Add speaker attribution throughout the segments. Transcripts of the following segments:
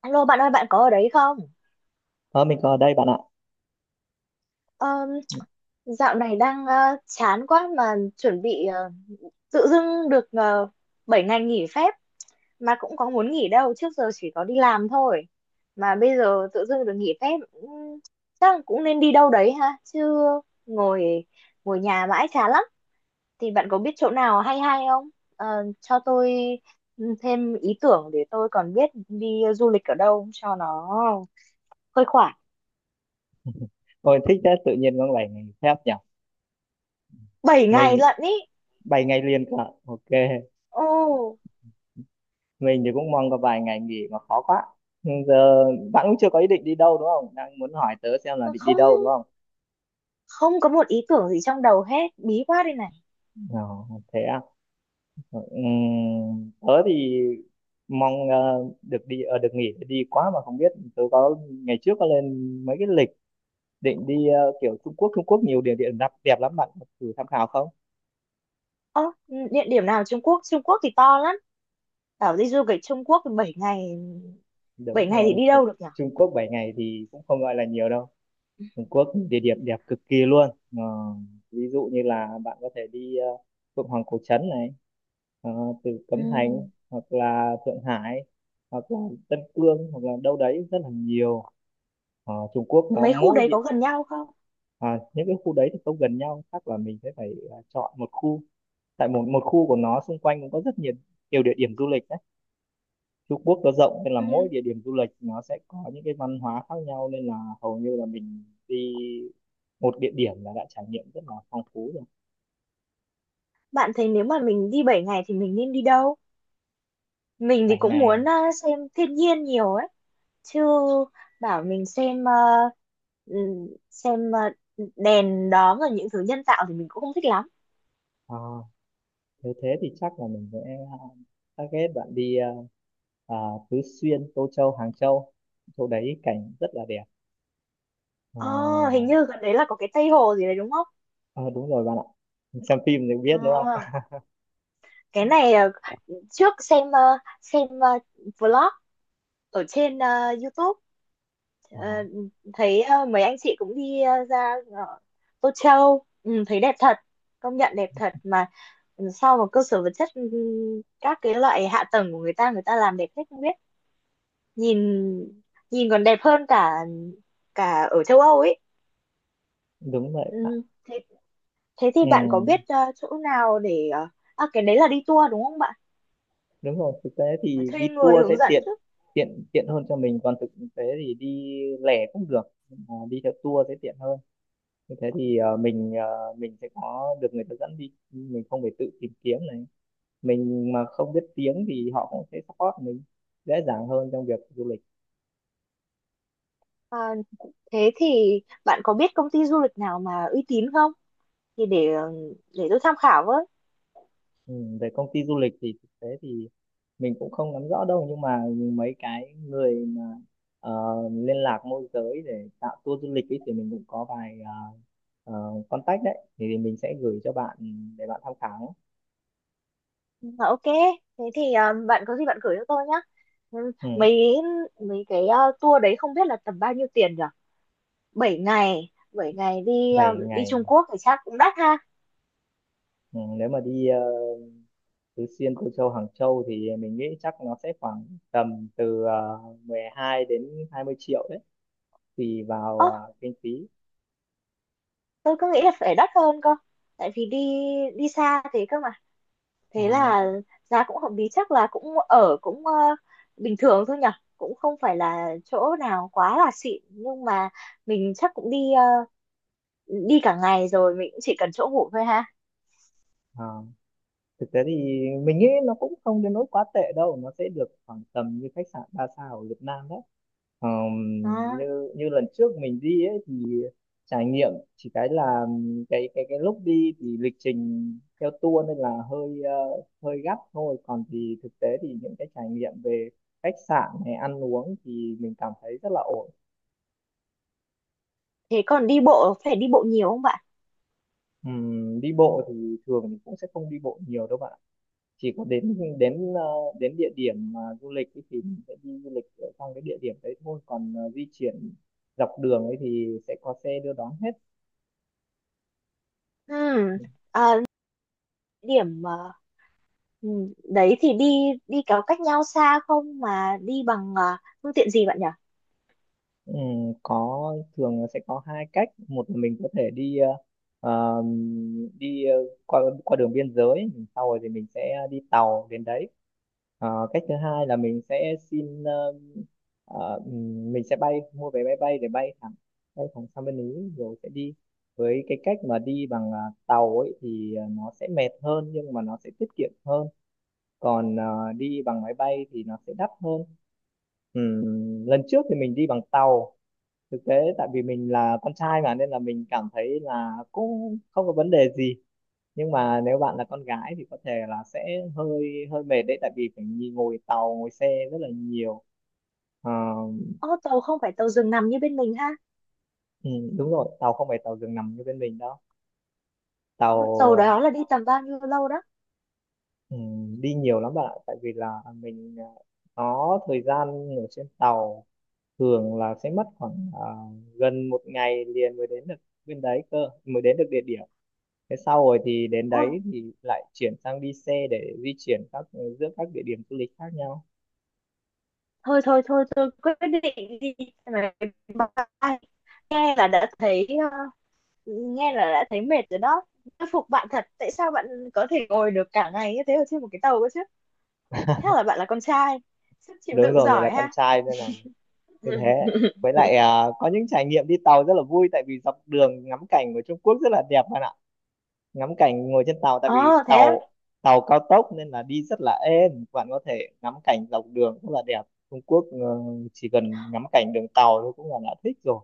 Speaker 1: Alo bạn ơi, bạn có ở đấy không?
Speaker 2: Ờ, mình có ở đây bạn ạ.
Speaker 1: Ờm,
Speaker 2: Ừ,
Speaker 1: dạo này đang chán quá mà chuẩn bị tự dưng được uh, 7 ngày nghỉ phép, mà cũng có muốn nghỉ đâu, trước giờ chỉ có đi làm thôi, mà bây giờ tự dưng được nghỉ phép. Chắc là cũng nên đi đâu đấy ha, chứ ngồi ngồi nhà mãi chán lắm. Thì bạn có biết chỗ nào hay hay không? Ờ, cho tôi thêm ý tưởng để tôi còn biết đi du lịch ở đâu cho nó khuây khỏa.
Speaker 2: ôi, thích thế, tự nhiên có 7 ngày phép nhỉ.
Speaker 1: Bảy ngày
Speaker 2: Mình
Speaker 1: lận ý.
Speaker 2: 7 ngày liền cả. Ok,
Speaker 1: Ồ,
Speaker 2: mình thì cũng mong có vài ngày nghỉ mà khó quá. Nhưng giờ bạn cũng chưa có ý định đi đâu đúng không? Đang muốn hỏi tớ xem là định đi đâu đúng
Speaker 1: không,
Speaker 2: không?
Speaker 1: không có một ý tưởng gì trong đầu hết, bí quá đây này.
Speaker 2: Ờ, Thế à. Tớ thì mong được đi được nghỉ để đi quá, mà không biết tớ có ngày trước có lên mấy cái lịch định đi, kiểu Trung Quốc. Trung Quốc nhiều địa điểm đẹp đẹp lắm, bạn có thử tham khảo không?
Speaker 1: Ơ, địa điểm nào? Trung Quốc Trung Quốc thì to lắm, bảo đi du lịch Trung Quốc thì 7 ngày, 7
Speaker 2: đúng
Speaker 1: ngày thì
Speaker 2: rồi
Speaker 1: đi
Speaker 2: Trung,
Speaker 1: đâu được nhỉ?
Speaker 2: Trung Quốc 7 ngày thì cũng không gọi là nhiều đâu. Trung Quốc địa điểm đẹp cực kỳ luôn. Ờ, Ví dụ như là bạn có thể đi Phượng Hoàng Cổ Trấn này, ờ, từ Cấm
Speaker 1: Ừ.
Speaker 2: Thành, hoặc là Thượng Hải, hoặc là Tân Cương, hoặc là đâu đấy rất là nhiều. Trung Quốc nó
Speaker 1: Mấy khu
Speaker 2: mỗi
Speaker 1: đấy
Speaker 2: địa...
Speaker 1: có gần nhau không?
Speaker 2: Những cái khu đấy thì không gần nhau, chắc là mình sẽ phải chọn một khu. Tại một một khu của nó xung quanh cũng có rất nhiều nhiều địa điểm du lịch đấy. Trung Quốc nó rộng nên là mỗi
Speaker 1: Ừ.
Speaker 2: địa điểm du lịch nó sẽ có những cái văn hóa khác nhau, nên là hầu như là mình đi một địa điểm là đã trải nghiệm rất là phong phú rồi.
Speaker 1: Bạn thấy nếu mà mình đi 7 ngày thì mình nên đi đâu? Mình thì
Speaker 2: Vài
Speaker 1: cũng
Speaker 2: ngày.
Speaker 1: muốn xem thiên nhiên nhiều ấy, chứ bảo mình xem ừ, xem ờ, đèn đóm rồi những thứ nhân tạo thì mình cũng không thích lắm.
Speaker 2: à, Nếu thế thì chắc là mình sẽ à, target bạn đi à, Tứ Xuyên, Tô Châu, Hàng Châu. Chỗ đấy cảnh rất là đẹp. Ờ,
Speaker 1: Ờ, hình như gần đấy là có cái Tây Hồ gì đấy đúng không?
Speaker 2: Ờ, Đúng rồi bạn ạ. Xem phim thì biết đúng
Speaker 1: Ờ,
Speaker 2: không?
Speaker 1: cái này trước xem vlog ở trên YouTube,
Speaker 2: Ờ,
Speaker 1: ờ, thấy mấy anh chị cũng đi ra Tô Châu, ừ, thấy đẹp thật, công nhận đẹp thật mà. Ừ, sau một cơ sở vật chất, ừ, các cái loại hạ tầng của người ta, người ta làm đẹp hết không biết, nhìn nhìn còn đẹp hơn cả cả ở châu Âu ấy.
Speaker 2: Đúng vậy
Speaker 1: Ừ,
Speaker 2: bạn.
Speaker 1: thế thế thì
Speaker 2: Ừ,
Speaker 1: bạn có biết chỗ nào để à, cái đấy là đi tour đúng không bạn?
Speaker 2: đúng rồi. Thực tế
Speaker 1: Phải
Speaker 2: thì đi
Speaker 1: thuê người
Speaker 2: tour sẽ
Speaker 1: hướng dẫn
Speaker 2: tiện
Speaker 1: chứ.
Speaker 2: tiện tiện hơn cho mình. Còn thực tế thì đi lẻ cũng được. Nhưng mà đi theo tour sẽ tiện hơn. Như thế thì mình sẽ có được người ta dẫn đi. Mình không phải tự tìm kiếm này. Mình mà không biết tiếng thì họ cũng sẽ support mình dễ dàng hơn trong việc du lịch.
Speaker 1: Ờ, Thế thì bạn có biết công ty du lịch nào mà uy tín không? Thì để để tôi tham khảo với.
Speaker 2: Ừ, về công ty du lịch thì thực tế thì mình cũng không nắm rõ đâu, nhưng mà mấy cái người mà ờ, liên lạc môi giới để tạo tour du lịch ấy, thì mình cũng có vài, contact đấy thì mình sẽ gửi cho bạn để bạn tham khảo.
Speaker 1: Mà ok, thế thì bạn có gì bạn gửi cho tôi nhá. Ừ,
Speaker 2: Ừ,
Speaker 1: Mấy mấy cái tour đấy không biết là tầm bao nhiêu tiền nhở? Bảy ngày, 7 ngày đi
Speaker 2: 7
Speaker 1: đi
Speaker 2: ngày.
Speaker 1: Trung Quốc thì chắc cũng đắt ha.
Speaker 2: Ừ, nếu mà đi Tứ Xuyên, Cô Châu, Hàng Châu thì mình nghĩ chắc nó sẽ khoảng tầm từ 12 đến 20 triệu đấy, tùy
Speaker 1: Ồ,
Speaker 2: vào kinh phí.
Speaker 1: tôi cứ nghĩ là phải đắt hơn cơ. Tại vì đi đi xa thế cơ mà. Thế
Speaker 2: à,
Speaker 1: là giá cũng hợp lý, chắc là cũng ở cũng bình thường thôi nhỉ, cũng không phải là chỗ nào quá là xịn, nhưng mà mình chắc cũng đi đi cả ngày rồi mình cũng chỉ cần chỗ ngủ thôi ha.
Speaker 2: à. Thực tế thì mình nghĩ nó cũng không đến nỗi quá tệ đâu, nó sẽ được khoảng tầm như khách sạn 3 sao ở Việt Nam đấy. Ờm,
Speaker 1: Đó.
Speaker 2: như như lần trước mình đi ấy thì trải nghiệm chỉ cái là cái lúc đi thì lịch trình theo tour nên là hơi gấp thôi, còn thì thực tế thì những cái trải nghiệm về khách sạn hay ăn uống thì mình cảm thấy rất là ổn.
Speaker 1: Thế còn đi bộ, phải đi bộ nhiều không bạn?
Speaker 2: Đi bộ thì thường mình cũng sẽ không đi bộ nhiều đâu bạn, chỉ có đến đến ờ, đến địa điểm mà du lịch ấy thì mình sẽ đi du lịch ở trong cái địa điểm đấy thôi, còn di chuyển dọc đường ấy thì sẽ có xe đưa đón hết.
Speaker 1: Ừm, điểm đấy thì đi đi có cách nhau xa không, mà đi bằng phương tiện gì bạn nhỉ?
Speaker 2: Ừ, có thường là sẽ có hai cách. Một là mình có thể đi ờ, qua qua đường biên giới, sau rồi thì mình sẽ đi tàu đến đấy. Cách thứ hai là mình sẽ xin mình sẽ bay mua vé máy bay để bay thẳng sang bên Ý rồi sẽ đi. Với cái cách mà đi bằng tàu ấy thì nó sẽ mệt hơn nhưng mà nó sẽ tiết kiệm hơn, còn đi bằng máy bay thì nó sẽ đắt hơn. Lần trước thì mình đi bằng tàu. Thực tế tại vì mình là con trai mà nên là mình cảm thấy là cũng không có vấn đề gì, nhưng mà nếu bạn là con gái thì có thể là sẽ hơi hơi mệt đấy, tại vì phải ngồi tàu ngồi xe rất là nhiều. Ờ,
Speaker 1: Ô, tàu không phải tàu giường nằm như bên mình ha?
Speaker 2: ừ, đúng rồi. Tàu không phải tàu giường nằm như bên mình đâu. Tàu,
Speaker 1: Ô, tàu đó là đi tầm bao nhiêu lâu đó?
Speaker 2: ừ, đi nhiều lắm bạn ạ, tại vì là mình có thời gian ở trên tàu, thường là sẽ mất khoảng gần một ngày liền mới đến được bên đấy cơ, mới đến được địa điểm. Thế sau rồi thì đến đấy thì lại chuyển sang đi xe để di chuyển các, giữa các địa điểm du lịch khác nhau.
Speaker 1: Thôi thôi thôi, tôi quyết định đi máy bay, nghe là đã thấy nghe là đã thấy mệt rồi đó. Tôi phục bạn thật, tại sao bạn có thể ngồi được cả ngày như thế ở trên một cái tàu cơ chứ? Thế là bạn là con trai, sức chịu
Speaker 2: Đúng
Speaker 1: đựng
Speaker 2: rồi, mình là
Speaker 1: giỏi
Speaker 2: con
Speaker 1: ha.
Speaker 2: trai nên là như
Speaker 1: Ừ.
Speaker 2: thế. Với lại có những trải nghiệm đi tàu rất là vui, tại vì dọc đường ngắm cảnh của Trung Quốc rất là đẹp bạn ạ. Ngắm cảnh ngồi trên tàu, tại vì
Speaker 1: Ờ, thế á?
Speaker 2: tàu tàu cao tốc nên là đi rất là êm, bạn có thể ngắm cảnh dọc đường rất là đẹp. Trung Quốc chỉ cần ngắm cảnh đường tàu thôi cũng là đã thích rồi,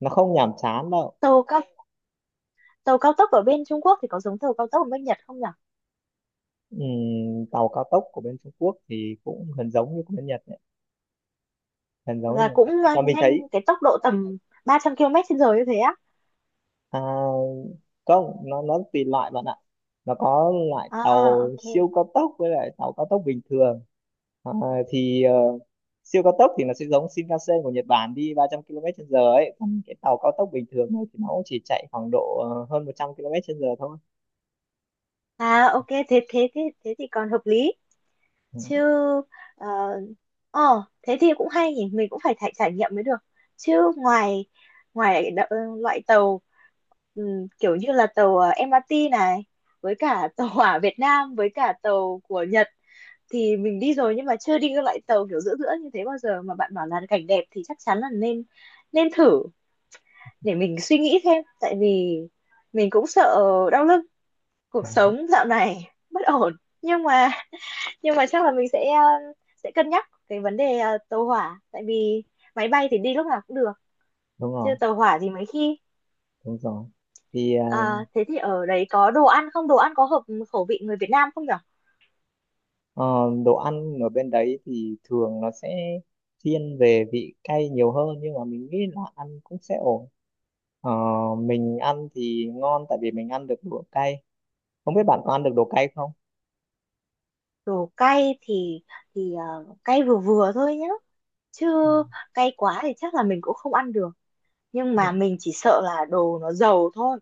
Speaker 2: nó không nhàm chán đâu.
Speaker 1: tàu cao Tàu cao tốc ở bên Trung Quốc thì có giống tàu cao tốc ở bên Nhật không nhỉ?
Speaker 2: Tàu cao tốc của bên Trung Quốc thì cũng gần giống như của bên Nhật, hình giống như
Speaker 1: Là
Speaker 2: một
Speaker 1: cũng
Speaker 2: Nhật, nhưng mà mình
Speaker 1: nhanh,
Speaker 2: thấy
Speaker 1: cái tốc độ tầm 300 km trên giờ như thế á?
Speaker 2: à, không, nó tùy loại bạn ạ. Nó có loại tàu
Speaker 1: À, ok.
Speaker 2: siêu cao tốc với lại tàu cao tốc bình thường. à, thì ờ, Siêu cao tốc thì nó sẽ giống Shinkansen của Nhật Bản, đi 300 km trên giờ ấy, còn cái tàu cao tốc bình thường ấy thì nó cũng chỉ chạy khoảng độ hơn 100 km trên giờ thôi.
Speaker 1: À, ok, thế thế thì còn hợp lý
Speaker 2: Ừ,
Speaker 1: chứ. Ờ, thế thì cũng hay nhỉ, mình cũng phải trải trải nghiệm mới được chứ. Ngoài ngoài loại tàu, kiểu như là tàu MRT này, với cả tàu hỏa Việt Nam với cả tàu của Nhật thì mình đi rồi, nhưng mà chưa đi cái loại tàu kiểu giữa giữa như thế bao giờ, mà bạn bảo là cảnh đẹp thì chắc chắn là nên nên thử. Để mình suy nghĩ thêm, tại vì mình cũng sợ đau lưng, cuộc
Speaker 2: dạ,
Speaker 1: sống dạo này bất ổn. Nhưng mà nhưng mà chắc là mình sẽ sẽ cân nhắc cái vấn đề tàu hỏa, tại vì máy bay thì đi lúc nào cũng được
Speaker 2: đúng
Speaker 1: chứ
Speaker 2: rồi,
Speaker 1: tàu hỏa thì mấy khi.
Speaker 2: đúng rồi. thì ờ,
Speaker 1: Ờ, thế thì ở đấy có đồ ăn không, đồ ăn có hợp khẩu vị người Việt Nam không nhở?
Speaker 2: ờ, Đồ ăn ở bên đấy thì thường nó sẽ thiên về vị cay nhiều hơn, nhưng mà mình nghĩ là ăn cũng sẽ ổn. Ờ, mình ăn thì ngon tại vì mình ăn được đồ cay. Không biết bạn có ăn được đồ cay không?
Speaker 1: Đồ cay thì cay vừa vừa thôi nhá, chứ cay quá thì chắc là mình cũng không ăn được, nhưng
Speaker 2: Ừ.
Speaker 1: mà mình chỉ sợ là đồ nó dầu thôi.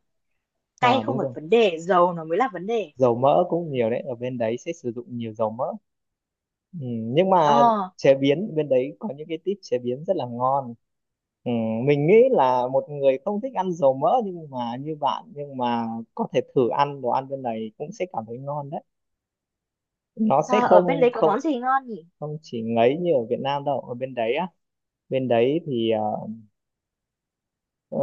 Speaker 1: Cay
Speaker 2: À
Speaker 1: không
Speaker 2: đúng
Speaker 1: phải
Speaker 2: rồi.
Speaker 1: vấn đề, dầu nó mới là vấn đề.
Speaker 2: Dầu mỡ cũng nhiều đấy. Ở bên đấy sẽ sử dụng nhiều dầu mỡ. Ừ, nhưng mà
Speaker 1: Ờ,
Speaker 2: chế biến bên đấy có những cái tip chế biến rất là ngon. Ừ, mình nghĩ là một người không thích ăn dầu mỡ nhưng mà như bạn, nhưng mà có thể thử ăn đồ ăn bên này cũng sẽ cảm thấy ngon đấy. Nó sẽ
Speaker 1: à, ở
Speaker 2: không
Speaker 1: bên đấy có
Speaker 2: không
Speaker 1: món gì ngon nhỉ?
Speaker 2: không chỉ ngấy như ở Việt Nam đâu. Ở bên đấy á, bên đấy thì Ờ,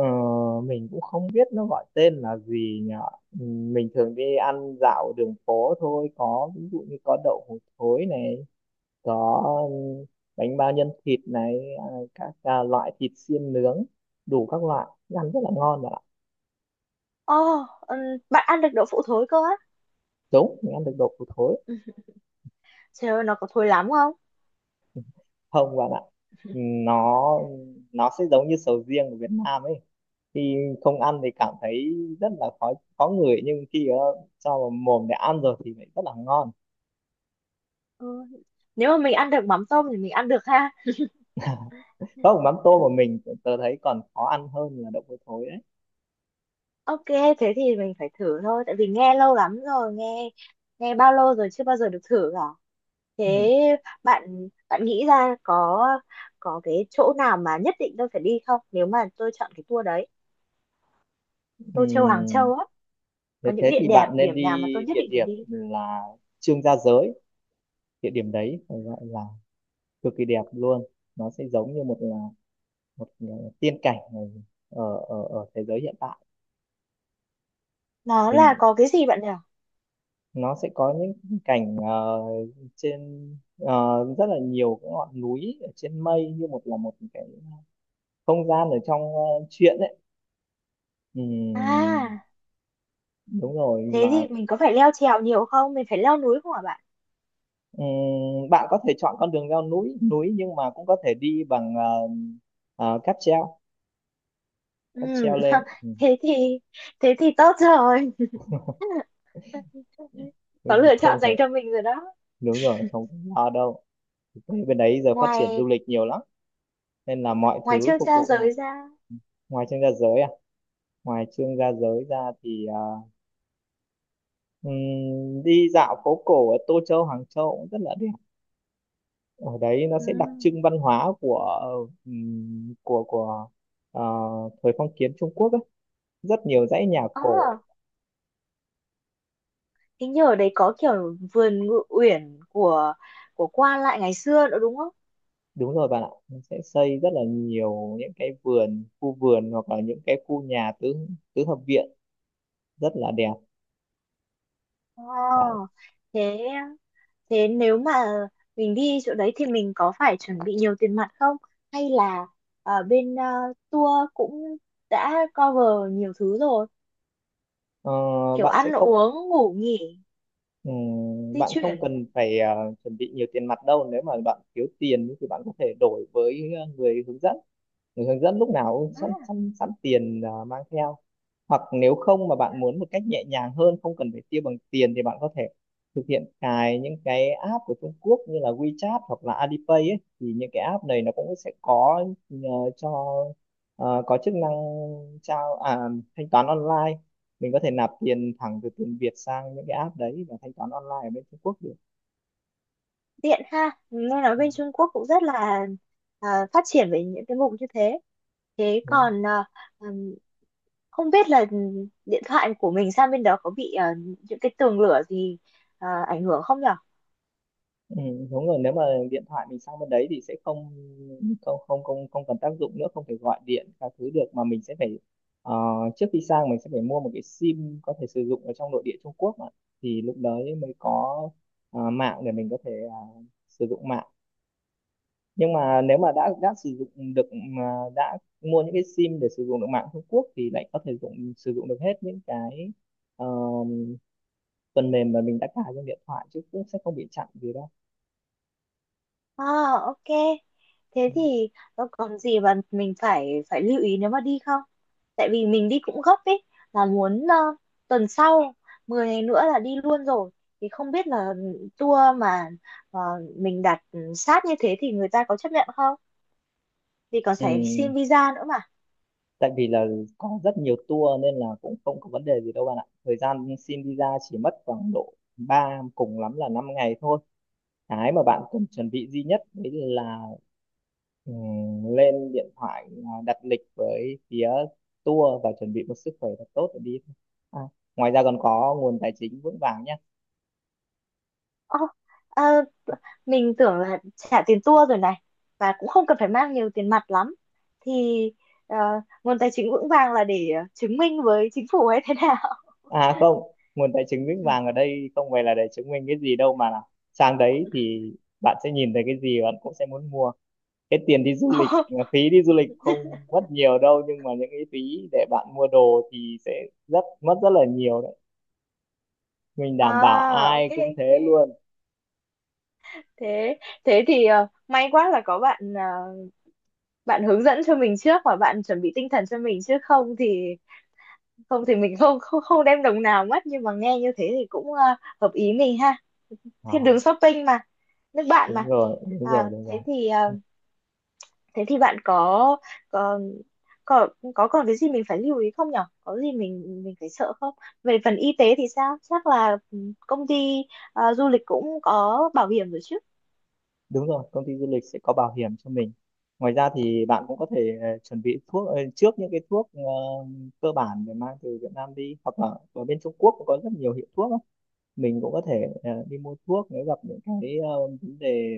Speaker 2: mình cũng không biết nó gọi tên là gì nhở. Ừ, mình thường đi ăn dạo đường phố thôi, có ví dụ như có đậu hũ thối này, có, ừ, bánh bao nhân thịt này, các, loại thịt xiên nướng đủ các loại, ăn rất là ngon bạn ạ.
Speaker 1: Ồ, bạn ăn được đậu phụ thối cơ á?
Speaker 2: Đúng, mình ăn được đậu hũ thối.
Speaker 1: Ừ. Trời ơi, nó có thối lắm không?
Speaker 2: Ừ, không bạn ạ. Ừ, nó nó sẽ giống như sầu riêng của Việt Nam ấy, khi không ăn thì cảm thấy rất là khó khó ngửi, nhưng khi cho vào mồm để ăn rồi thì lại rất là ngon.
Speaker 1: Ừ. Nếu mà mình ăn được mắm tôm thì mình ăn được ha.
Speaker 2: Không, mắm tôm mà mình tớ thấy còn khó ăn hơn là đậu hôi thối đấy.
Speaker 1: Ok, thế thì mình phải thử thôi, tại vì nghe lâu lắm rồi, nghe nghe bao lâu rồi chưa bao giờ được thử cả.
Speaker 2: Ừ.
Speaker 1: Thế bạn bạn nghĩ ra có cái chỗ nào mà nhất định tôi phải đi không? Nếu mà tôi chọn cái tour đấy,
Speaker 2: Ừ.
Speaker 1: Tô Châu Hàng Châu á,
Speaker 2: Thế
Speaker 1: có những
Speaker 2: thế
Speaker 1: địa
Speaker 2: thì
Speaker 1: điểm
Speaker 2: bạn nên
Speaker 1: điểm
Speaker 2: đi
Speaker 1: nào mà tôi nhất
Speaker 2: địa
Speaker 1: định phải
Speaker 2: điểm
Speaker 1: đi?
Speaker 2: là Trương Gia Giới. Địa điểm đấy phải gọi là cực kỳ đẹp luôn, nó sẽ giống như một là một tiên cảnh ở ở thế giới hiện tại.
Speaker 1: Nó là
Speaker 2: Mình,
Speaker 1: có cái gì bạn nhỉ?
Speaker 2: nó sẽ có những cảnh trên, rất là nhiều cái ngọn núi ở trên mây, như một là một cái không gian ở trong truyện ấy. Ừm,
Speaker 1: À,
Speaker 2: Đúng rồi
Speaker 1: thế
Speaker 2: mà.
Speaker 1: thì mình có phải leo trèo nhiều không? Mình phải leo núi không hả bạn?
Speaker 2: Bạn có thể chọn con đường leo núi núi nhưng mà cũng có thể đi bằng cáp treo,
Speaker 1: Ừ,
Speaker 2: cáp treo lên.
Speaker 1: thế thì thế thì tốt rồi.
Speaker 2: Ừ,
Speaker 1: Có lựa
Speaker 2: không
Speaker 1: chọn
Speaker 2: phải,
Speaker 1: dành cho mình rồi đó.
Speaker 2: đúng rồi không phải lo đâu. Thực tế bên đấy giờ phát triển du
Speaker 1: Ngoài
Speaker 2: lịch nhiều lắm, nên là mọi
Speaker 1: ngoài
Speaker 2: thứ
Speaker 1: trước
Speaker 2: phục
Speaker 1: cha
Speaker 2: vụ cho
Speaker 1: giới
Speaker 2: mình.
Speaker 1: ra.
Speaker 2: Ừ. ngoài chương gia giới à Ngoài Chương Gia Giới ra thì đi dạo phố cổ ở Tô Châu, Hàng Châu cũng rất là đẹp, ở đấy nó
Speaker 1: Ừ.
Speaker 2: sẽ đặc trưng văn hóa của, của ờ, thời phong kiến Trung Quốc ấy. Rất nhiều dãy nhà cổ.
Speaker 1: À, hình như ở đấy có kiểu vườn ngự uyển của qua lại ngày xưa nữa đúng không?
Speaker 2: Đúng rồi bạn ạ, nó sẽ xây rất là nhiều những cái vườn, khu vườn, hoặc là những cái khu nhà tứ tứ hợp viện rất là đẹp.
Speaker 1: Ờ,
Speaker 2: Bạn
Speaker 1: thế thế nếu mà mình đi chỗ đấy thì mình có phải chuẩn bị nhiều tiền mặt không, hay là ở bên tour cũng đã cover nhiều thứ rồi,
Speaker 2: ờ,
Speaker 1: kiểu
Speaker 2: bạn sẽ
Speaker 1: ăn
Speaker 2: không
Speaker 1: uống ngủ nghỉ di
Speaker 2: bạn không
Speaker 1: chuyển?
Speaker 2: cần phải chuẩn bị nhiều tiền mặt đâu, nếu mà bạn thiếu tiền thì bạn có thể đổi với người hướng dẫn. Người hướng dẫn lúc nào cũng sẵn sẵn sẵn tiền mang theo. Hoặc nếu không mà bạn muốn một cách nhẹ nhàng hơn, không cần phải tiêu bằng tiền, thì bạn có thể thực hiện cài những cái app của Trung Quốc như là WeChat hoặc là Alipay ấy, thì những cái app này nó cũng sẽ có nhờ cho có chức năng trao à, thanh toán online. Mình có thể nạp tiền thẳng từ tiền Việt sang những cái app đấy và thanh toán online ở bên Trung Quốc được.
Speaker 1: Tiện ha, nghe nói
Speaker 2: Ừ,
Speaker 1: bên Trung Quốc cũng rất là à, phát triển về những cái mục như thế. Thế
Speaker 2: đúng.
Speaker 1: còn à, ừm, không biết là điện thoại của mình sang bên đó có bị à, những cái tường lửa gì à, ảnh hưởng không nhỉ?
Speaker 2: Ừ, đúng rồi, nếu mà điện thoại mình sang bên đấy thì sẽ không không không không không cần tác dụng nữa, không thể gọi điện các thứ được, mà mình sẽ phải, ờ, trước khi sang mình sẽ phải mua một cái sim có thể sử dụng ở trong nội địa Trung Quốc ạ. Thì lúc đấy mới có mạng để mình có thể sử dụng mạng. Nhưng mà nếu mà đã sử dụng được, mà đã mua những cái sim để sử dụng được mạng Trung Quốc, thì lại có thể dùng sử dụng được hết những cái ờ, phần mềm mà mình đã cài trên điện thoại chứ, cũng sẽ không bị chặn gì đâu.
Speaker 1: À, ok. Thế thì nó còn gì mà mình phải phải lưu ý nếu mà đi không? Tại vì mình đi cũng gấp ấy, là muốn tuần sau 10 ngày nữa là đi luôn rồi. Thì không biết là tour mà ờ, mình đặt sát như thế thì người ta có chấp nhận không? Vì còn
Speaker 2: Ừ.
Speaker 1: phải xin visa nữa mà.
Speaker 2: Tại vì là có rất nhiều tour nên là cũng không có vấn đề gì đâu bạn ạ, thời gian xin visa chỉ mất khoảng độ ba, cùng lắm là 5 ngày thôi. Cái mà bạn cần chuẩn bị duy nhất đấy là lên điện thoại đặt lịch với phía tour, và chuẩn bị một sức khỏe thật tốt để đi thôi. à, ngoài ra còn có nguồn tài chính vững vàng nhé.
Speaker 1: Ồ, ờ, mình tưởng là trả tiền tour rồi này, và cũng không cần phải mang nhiều tiền mặt lắm. Thì ờ, nguồn tài chính vững vàng là để chứng minh với chính phủ hay thế nào?
Speaker 2: À không, nguồn tài chính vững vàng ở đây không phải là để chứng minh cái gì đâu, mà là sang đấy thì bạn sẽ nhìn thấy cái gì bạn cũng sẽ muốn mua. Cái tiền đi du lịch,
Speaker 1: Ồ,
Speaker 2: phí đi du lịch không mất nhiều đâu, nhưng mà những cái phí để bạn mua đồ thì sẽ rất mất rất là nhiều đấy. Mình đảm bảo
Speaker 1: à, ok
Speaker 2: ai cũng
Speaker 1: ok.
Speaker 2: thế luôn.
Speaker 1: Thế thế thì may quá là có bạn, bạn hướng dẫn cho mình trước và bạn chuẩn bị tinh thần cho mình, chứ không thì không thì mình không không không đem đồng nào mất, nhưng mà nghe như thế thì cũng hợp ý mình ha. Thiên
Speaker 2: à,
Speaker 1: đường shopping mà, nước bạn
Speaker 2: Đúng
Speaker 1: mà.
Speaker 2: rồi, đúng rồi,
Speaker 1: À,
Speaker 2: đúng
Speaker 1: thế
Speaker 2: rồi,
Speaker 1: thì thế thì bạn có có có có còn cái gì mình phải lưu ý không nhở? Có gì mình phải sợ không? Về phần y tế thì sao? Chắc là ừ, công ty du lịch cũng có bảo hiểm rồi chứ?
Speaker 2: đúng rồi. Công ty du lịch sẽ có bảo hiểm cho mình. Ngoài ra thì bạn cũng có thể chuẩn bị thuốc, trước, những cái thuốc cơ bản để mang từ Việt Nam đi, hoặc là ở bên Trung Quốc cũng có rất nhiều hiệu thuốc, mình cũng có thể đi mua thuốc nếu gặp những cái vấn đề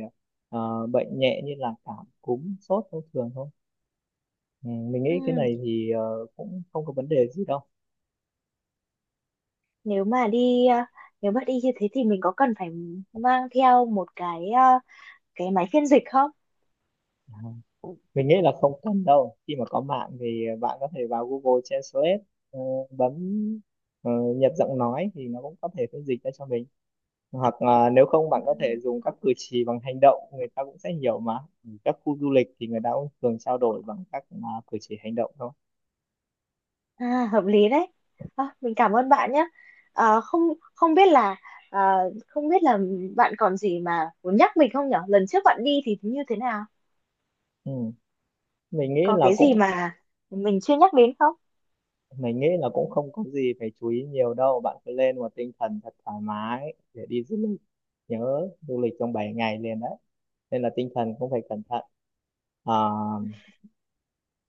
Speaker 2: bệnh nhẹ như là cảm cúm sốt thông thường thôi. Ừ, mình nghĩ cái
Speaker 1: Ừ,
Speaker 2: này thì cũng không có vấn đề gì đâu.
Speaker 1: nếu mà đi à, nếu mà đi như thế thì mình có cần phải mang theo một cái à, cái máy phiên dịch không?
Speaker 2: À, mình nghĩ là không cần đâu, khi mà có mạng thì bạn có thể vào Google Translate, ờ, bấm ờ, nhập giọng nói thì nó cũng có thể phiên dịch ra cho mình. Hoặc là nếu không
Speaker 1: Ừ.
Speaker 2: bạn có thể dùng các cử chỉ bằng hành động, người ta cũng sẽ hiểu mà. Các khu du lịch thì người ta cũng thường trao đổi bằng các cử chỉ hành động thôi.
Speaker 1: À, hợp lý đấy. À, mình cảm ơn bạn nhé. À, không không biết là à, không biết là bạn còn gì mà muốn nhắc mình không nhở? Lần trước bạn đi thì như thế nào?
Speaker 2: Ừ. mình nghĩ
Speaker 1: Có
Speaker 2: là
Speaker 1: cái gì
Speaker 2: cũng
Speaker 1: mà mình chưa nhắc đến không?
Speaker 2: mình nghĩ là cũng không có gì phải chú ý nhiều đâu, bạn cứ lên một tinh thần thật thoải mái để đi du lịch. Nhớ du lịch trong 7 ngày liền đấy nên là tinh thần cũng phải cẩn thận. à,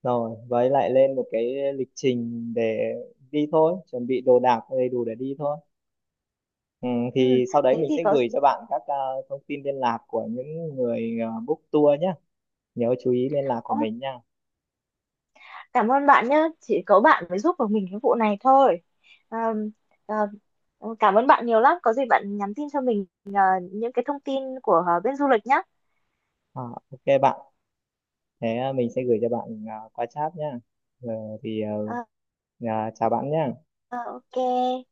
Speaker 2: rồi với lại lên một cái lịch trình để đi thôi, chuẩn bị đồ đạc đầy đủ để đi thôi. ừ,
Speaker 1: Ừ,
Speaker 2: thì sau đấy
Speaker 1: thế
Speaker 2: mình
Speaker 1: thì
Speaker 2: sẽ
Speaker 1: có.
Speaker 2: gửi cho bạn các thông tin liên lạc của những người book tour nhé. Nhớ chú ý liên lạc của
Speaker 1: Ô,
Speaker 2: mình nha.
Speaker 1: cảm ơn bạn nhé. Chỉ có bạn mới giúp được mình cái vụ này thôi. À, à, cảm ơn bạn nhiều lắm. Có gì bạn nhắn tin cho mình những cái thông tin của bên du lịch nhé.
Speaker 2: À, ok bạn. Thế mình sẽ gửi cho bạn qua chat nhá. Ờ, thì à, chào bạn nhá.
Speaker 1: Ờ, ờ, ok.